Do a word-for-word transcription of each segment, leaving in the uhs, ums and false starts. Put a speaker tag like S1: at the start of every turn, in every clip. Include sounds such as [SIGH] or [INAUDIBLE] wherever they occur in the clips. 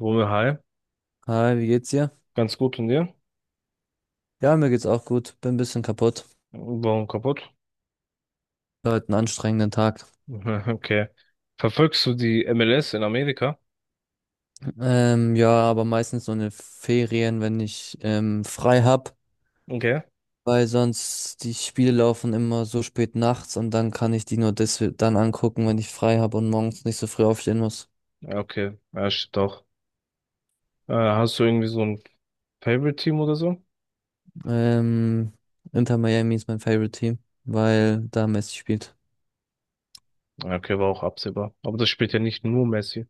S1: Romeo, hi.
S2: Hi, wie geht's dir?
S1: Ganz gut und dir?
S2: Ja, mir geht's auch gut. Bin ein bisschen kaputt.
S1: Warum kaputt?
S2: War heute einen anstrengenden Tag.
S1: [LAUGHS] Okay. Verfolgst du die M L S in Amerika?
S2: Ähm, ja, aber meistens so in den Ferien, wenn ich ähm, frei hab,
S1: Okay.
S2: weil sonst die Spiele laufen immer so spät nachts und dann kann ich die nur des dann angucken, wenn ich frei hab und morgens nicht so früh aufstehen muss.
S1: Ja, okay. Ja, shit, doch. Äh, hast du irgendwie so ein Favorite-Team oder so?
S2: Ähm, Inter Miami ist mein Favorite Team, weil da Messi spielt.
S1: Ja, okay, war auch absehbar. Aber das spielt ja nicht nur Messi.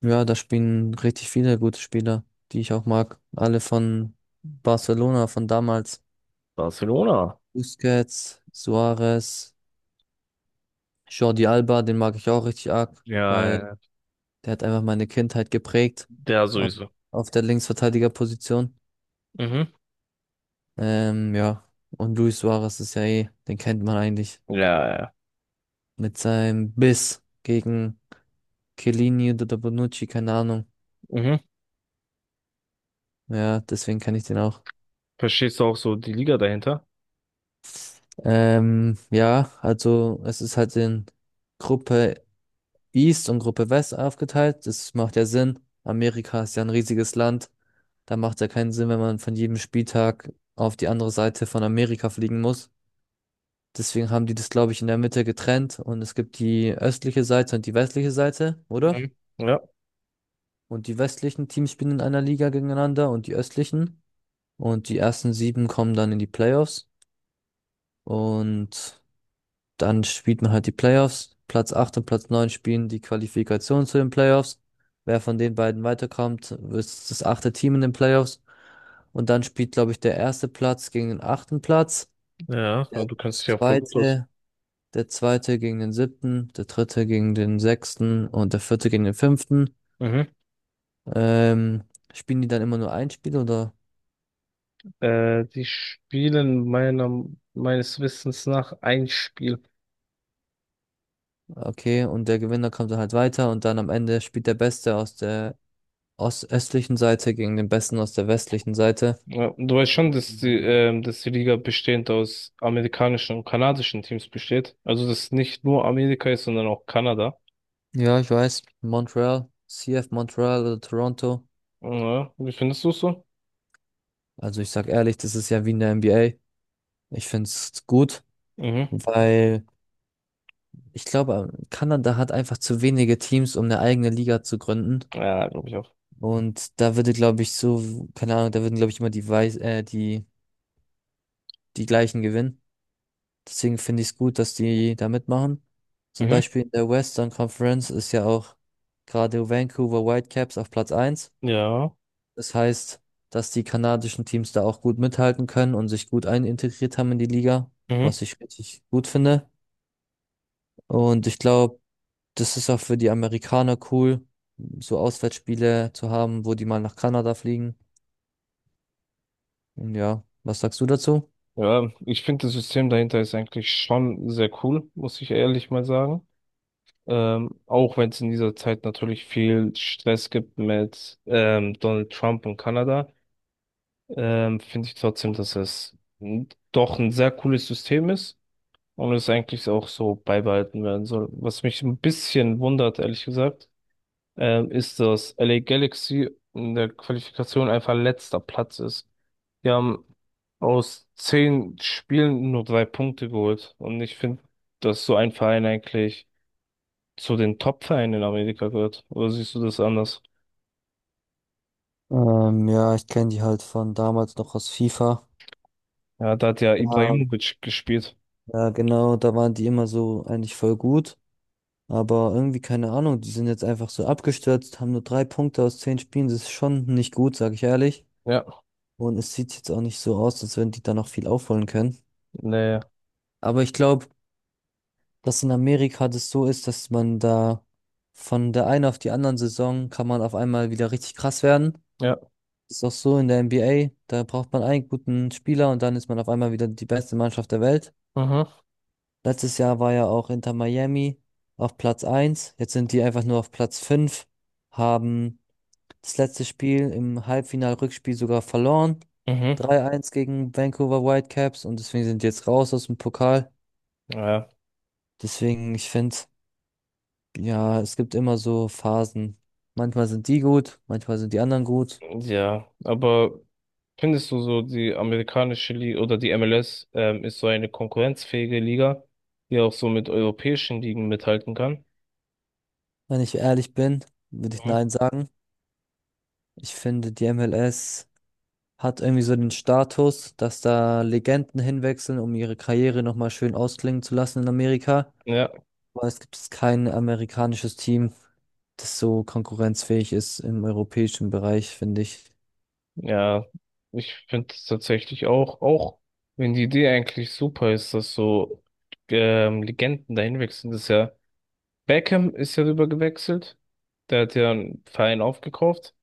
S2: Ja, da spielen richtig viele gute Spieler, die ich auch mag. Alle von Barcelona, von damals.
S1: Barcelona.
S2: Busquets, Suarez, Jordi Alba, den mag ich auch richtig arg,
S1: Ja, ja,
S2: weil
S1: ja.
S2: der hat einfach meine Kindheit geprägt
S1: Der
S2: auf,
S1: sowieso.
S2: auf der Linksverteidigerposition.
S1: Mhm.
S2: Ähm, ja, und Luis Suarez ist ja eh, den kennt man eigentlich
S1: Ja, ja, ja.
S2: mit seinem Biss gegen Chiellini oder Bonucci, keine Ahnung.
S1: Mhm.
S2: Ja, deswegen kann ich den auch.
S1: Verstehst du auch so die Liga dahinter?
S2: Ähm, ja, also es ist halt in Gruppe East und Gruppe West aufgeteilt. Das macht ja Sinn. Amerika ist ja ein riesiges Land. Da macht es ja keinen Sinn, wenn man von jedem Spieltag auf die andere Seite von Amerika fliegen muss. Deswegen haben die das, glaube ich, in der Mitte getrennt und es gibt die östliche Seite und die westliche Seite, oder?
S1: Mhm. Ja,
S2: Und die westlichen Teams spielen in einer Liga gegeneinander und die östlichen. Und die ersten sieben kommen dann in die Playoffs. Und Dann spielt man halt die Playoffs. Platz acht und Platz neun spielen die Qualifikation zu den Playoffs. Wer von den beiden weiterkommt, ist das achte Team in den Playoffs. Und dann spielt, glaube ich, der erste Platz gegen den achten Platz.
S1: ja,
S2: Der
S1: du kannst dich ja voll gut aus.
S2: zweite, der zweite gegen den siebten, der dritte gegen den sechsten und der vierte gegen den fünften.
S1: Mhm.
S2: Ähm, spielen die dann immer nur ein Spiel oder?
S1: Äh, die spielen meiner, meines Wissens nach ein Spiel.
S2: Okay, und der Gewinner kommt dann halt weiter und dann am Ende spielt der Beste aus der ostöstlichen Seite gegen den Besten aus der westlichen Seite.
S1: Ja, du weißt schon,
S2: Und
S1: dass die,
S2: wenn-
S1: ähm, dass die Liga bestehend aus amerikanischen und kanadischen Teams besteht. Also, dass nicht nur Amerika ist, sondern auch Kanada.
S2: Ja, ich weiß, Montreal, C F Montreal oder Toronto.
S1: Ja, wie findest du es so?
S2: Also ich sag ehrlich, das ist ja wie in der N B A. Ich find's gut,
S1: Mhm.
S2: weil ich glaube, Kanada hat einfach zu wenige Teams, um eine eigene Liga zu gründen.
S1: Ja, glaube ich auch.
S2: Und da würde, glaube ich, so, keine Ahnung, da würden, glaube ich, immer die, Weiß, äh, die, die gleichen gewinnen. Deswegen finde ich es gut, dass die da mitmachen. Zum
S1: Mhm.
S2: Beispiel in der Western Conference ist ja auch gerade Vancouver Whitecaps auf Platz eins.
S1: Ja.
S2: Das heißt, dass die kanadischen Teams da auch gut mithalten können und sich gut einintegriert haben in die Liga,
S1: Mhm.
S2: was ich richtig gut finde. Und ich glaube, das ist auch für die Amerikaner cool, so Auswärtsspiele zu haben, wo die mal nach Kanada fliegen. Und ja, was sagst du dazu?
S1: Ja, ich finde das System dahinter ist eigentlich schon sehr cool, muss ich ehrlich mal sagen. Ähm, auch wenn es in dieser Zeit natürlich viel Stress gibt mit ähm, Donald Trump und Kanada, ähm, finde ich trotzdem, dass es n- doch ein sehr cooles System ist und es eigentlich auch so beibehalten werden soll. Was mich ein bisschen wundert, ehrlich gesagt, ähm, ist, dass L A Galaxy in der Qualifikation einfach letzter Platz ist. Die haben aus zehn Spielen nur drei Punkte geholt. Und ich finde, dass so ein Verein eigentlich zu den Top-Vereinen in Amerika gehört. Oder siehst du das anders?
S2: Ähm, ja, ich kenne die halt von damals noch aus FIFA.
S1: Ja, da hat ja
S2: Ja,
S1: Ibrahimovic gespielt.
S2: ja, genau, da waren die immer so eigentlich voll gut. Aber irgendwie, keine Ahnung, die sind jetzt einfach so abgestürzt, haben nur drei Punkte aus zehn Spielen. Das ist schon nicht gut, sag ich ehrlich.
S1: Ja,
S2: Und es sieht jetzt auch nicht so aus, als wenn die da noch viel aufholen können.
S1: nee,
S2: Aber ich glaube, dass in Amerika das so ist, dass man da von der einen auf die anderen Saison kann man auf einmal wieder richtig krass werden.
S1: ja.
S2: Ist auch so in der N B A. Da braucht man einen guten Spieler und dann ist man auf einmal wieder die beste Mannschaft der Welt.
S1: Mhm.
S2: Letztes Jahr war ja auch Inter Miami auf Platz eins. Jetzt sind die einfach nur auf Platz fünf, haben das letzte Spiel im Halbfinal-Rückspiel sogar verloren.
S1: Mhm.
S2: drei eins gegen Vancouver Whitecaps und deswegen sind die jetzt raus aus dem Pokal.
S1: Ja.
S2: Deswegen, ich finde, ja, es gibt immer so Phasen. Manchmal sind die gut, manchmal sind die anderen gut.
S1: Ja, aber findest du so, die amerikanische Liga oder die M L S, ähm, ist so eine konkurrenzfähige Liga, die auch so mit europäischen Ligen mithalten kann?
S2: Wenn ich ehrlich bin, würde ich
S1: Mhm.
S2: nein sagen. Ich finde, die M L S hat irgendwie so den Status, dass da Legenden hinwechseln, um ihre Karriere nochmal schön ausklingen zu lassen in Amerika.
S1: Ja,
S2: Aber es gibt kein amerikanisches Team, das so konkurrenzfähig ist im europäischen Bereich, finde ich.
S1: ja, ich finde es tatsächlich auch, auch wenn die Idee eigentlich super ist, dass so ähm, Legenden dahin wechseln, das ist ja, Beckham ist ja rüber gewechselt, der hat ja einen Verein aufgekauft,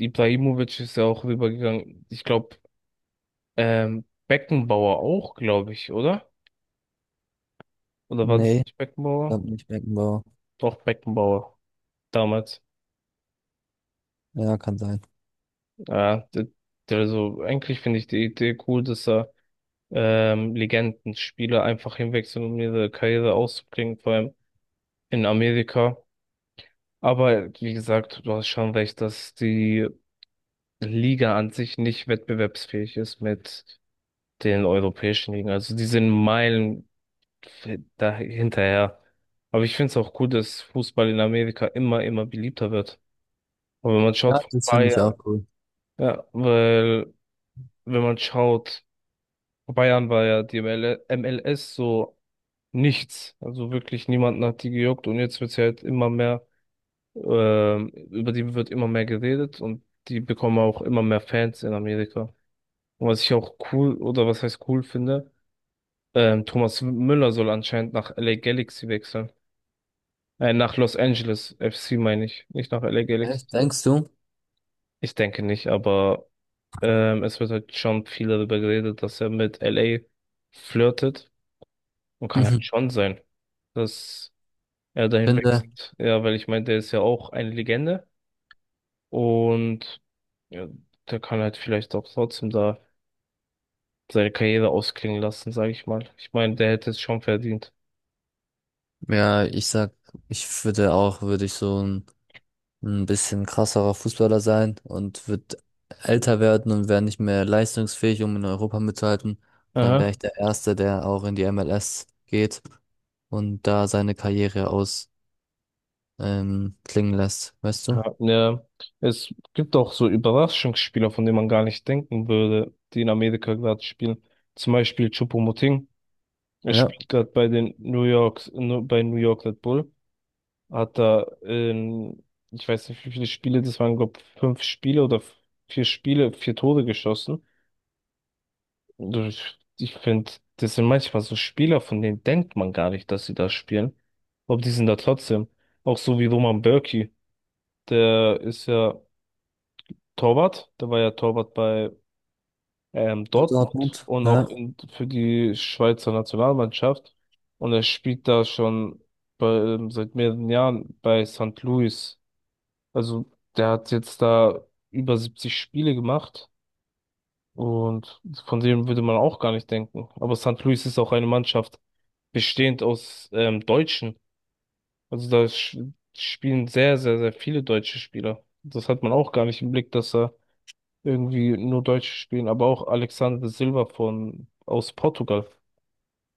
S1: Ibrahimovic ist ja auch rübergegangen, ich glaube, ähm, Beckenbauer auch, glaube ich, oder? Oder war
S2: Nee,
S1: das nicht
S2: ich
S1: Beckenbauer?
S2: glaube nicht Beckenbauer.
S1: Doch, Beckenbauer. Damals.
S2: Ja, kann sein.
S1: Ja, d- d- also eigentlich finde ich die Idee cool, dass er ähm, Legendenspieler einfach hinwechseln um ihre Karriere auszubringen, vor allem in Amerika. Aber wie gesagt, du hast schon recht, dass die Liga an sich nicht wettbewerbsfähig ist mit den europäischen Ligen. Also die sind Meilen da hinterher. Aber ich finde es auch cool, dass Fußball in Amerika immer, immer beliebter wird. Und wenn man schaut,
S2: Ja,
S1: vor ein
S2: das
S1: paar
S2: finde ich auch
S1: Jahren,
S2: cool.
S1: ja, weil, wenn man schaut, vor Bayern war ja die ML M L S so nichts. Also wirklich niemanden hat die gejuckt und jetzt wird sie halt immer mehr, ähm, über die wird immer mehr geredet und die bekommen auch immer mehr Fans in Amerika. Und was ich auch cool oder was heißt cool finde, ähm, Thomas Müller soll anscheinend nach L A Galaxy wechseln. Äh, nach Los Angeles F C meine ich, nicht nach L A Galaxy.
S2: Echt, denkst du?
S1: Ich denke nicht, aber Ähm, es wird halt schon viel darüber geredet, dass er mit L A flirtet und kann halt
S2: Mhm.
S1: schon sein, dass er dahin
S2: Finde,
S1: wechselt. Ja, weil ich meine, der ist ja auch eine Legende und ja, der kann halt vielleicht auch trotzdem da seine Karriere ausklingen lassen, sage ich mal. Ich meine, der hätte es schon verdient.
S2: ja, ich sag, ich würde auch, würde ich so ein, ein bisschen krasserer Fußballer sein und würde älter werden und wäre nicht mehr leistungsfähig, um in Europa mitzuhalten. Dann wäre
S1: Aha.
S2: ich der Erste, der auch in die M L S geht und da seine Karriere aus, ähm, klingen lässt, weißt du?
S1: Ja, ja. Es gibt auch so Überraschungsspieler, von denen man gar nicht denken würde, die in Amerika gerade spielen. Zum Beispiel Choupo. Er
S2: Ja.
S1: spielt gerade bei den New York, bei New York Red Bull. Hat da, ähm, ich weiß nicht, wie viele Spiele, das waren, glaube ich, fünf Spiele oder f- vier Spiele, vier Tore geschossen. Und Ich, ich finde, das sind manchmal so Spieler, von denen denkt man gar nicht, dass sie da spielen. Aber die sind da trotzdem. Auch so wie Roman Bürki. Der ist ja Torwart. Der war ja Torwart bei ähm,
S2: Für
S1: Dortmund
S2: Dortmund,
S1: und auch
S2: ja.
S1: in, für die Schweizer Nationalmannschaft. Und er spielt da schon bei, ähm, seit mehreren Jahren bei saint Louis. Also der hat jetzt da über siebzig Spiele gemacht und von dem würde man auch gar nicht denken. Aber saint Louis ist auch eine Mannschaft bestehend aus ähm, Deutschen. Also da sch- spielen sehr, sehr, sehr viele deutsche Spieler. Das hat man auch gar nicht im Blick, dass er irgendwie nur Deutsche spielen, aber auch Alexander Silva von aus Portugal.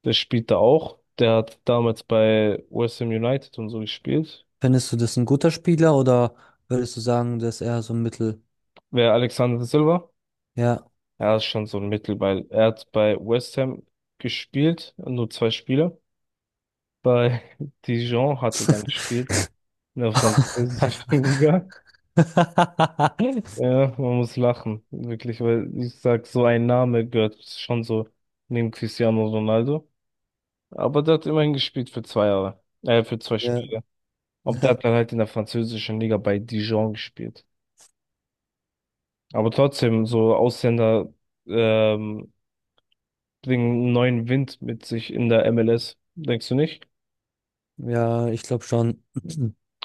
S1: Der spielt da auch. Der hat damals bei West Ham United und so gespielt.
S2: Findest du das ein guter Spieler oder würdest du sagen, dass er so ein Mittel,
S1: Wer Alexander Silva?
S2: ja.
S1: Er ist schon so ein Mittelball. Er hat bei West Ham gespielt, nur zwei Spiele. Bei [LAUGHS] Dijon hat er dann gespielt, in der französischen [LAUGHS]
S2: [LAUGHS]
S1: Liga. Ja, man muss lachen, wirklich, weil ich sag, so ein Name gehört schon so neben Cristiano Ronaldo. Aber der hat immerhin gespielt für zwei Jahre. Äh, für zwei
S2: Ja,
S1: Spiele. Aber der hat dann
S2: [LAUGHS]
S1: halt in der französischen Liga bei Dijon gespielt. Aber trotzdem, so Ausländer ähm, bringen einen neuen Wind mit sich in der M L S. Denkst du nicht?
S2: ja, ich glaube schon.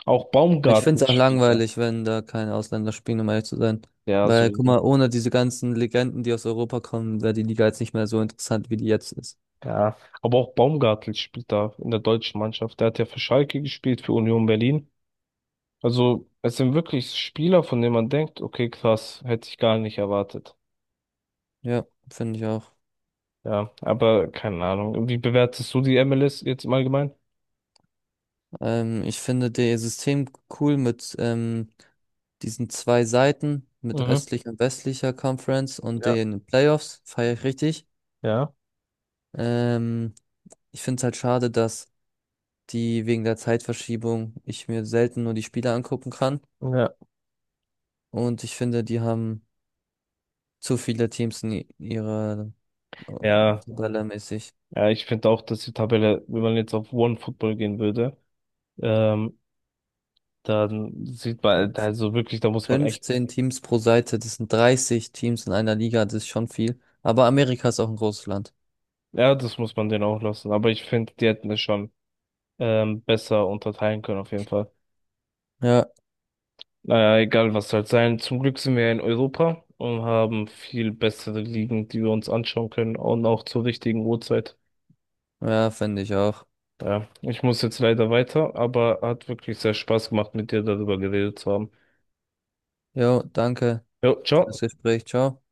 S1: Auch
S2: Ich
S1: Baumgartel
S2: finde es auch
S1: spielt da.
S2: langweilig, wenn da keine Ausländer spielen, um ehrlich zu sein.
S1: Ja,
S2: Weil, guck mal,
S1: sowieso.
S2: ohne diese ganzen Legenden, die aus Europa kommen, wäre die Liga jetzt nicht mehr so interessant, wie die jetzt ist.
S1: Ja. Aber auch Baumgartel spielt da in der deutschen Mannschaft. Der hat ja für Schalke gespielt, für Union Berlin. Also, es sind wirklich Spieler, von denen man denkt, okay, krass, hätte ich gar nicht erwartet.
S2: Ja, finde ich auch.
S1: Ja, aber keine Ahnung. Wie bewertest du die M L S jetzt im Allgemeinen?
S2: Ähm, ich finde das System cool mit ähm, diesen zwei Seiten, mit
S1: Mhm.
S2: östlicher und westlicher Conference und
S1: Ja,
S2: den Playoffs, feiere ich richtig.
S1: ja,
S2: Ähm, ich finde es halt schade, dass die wegen der Zeitverschiebung ich mir selten nur die Spiele angucken kann.
S1: ja.
S2: Und ich finde, die haben zu viele Teams in i- ihrer äh,
S1: Ja,
S2: Tabelle mäßig.
S1: ja, ich finde auch, dass die Tabelle, wenn man jetzt auf One Football gehen würde, ähm, dann sieht
S2: Ja.
S1: man, also wirklich, da muss man echt,
S2: fünfzehn Teams pro Seite, das sind dreißig Teams in einer Liga, das ist schon viel. Aber Amerika ist auch ein großes Land.
S1: ja, das muss man denen auch lassen. Aber ich finde, die hätten es schon ähm, besser unterteilen können, auf jeden Fall.
S2: Ja,
S1: Naja, egal was halt sein. Zum Glück sind wir ja in Europa und haben viel bessere Ligen, die wir uns anschauen können und auch zur richtigen Uhrzeit.
S2: ja, finde ich auch.
S1: Ja, ich muss jetzt leider weiter, aber hat wirklich sehr Spaß gemacht, mit dir darüber geredet zu haben.
S2: Jo, danke
S1: Jo,
S2: für das
S1: ciao.
S2: Gespräch. Ciao.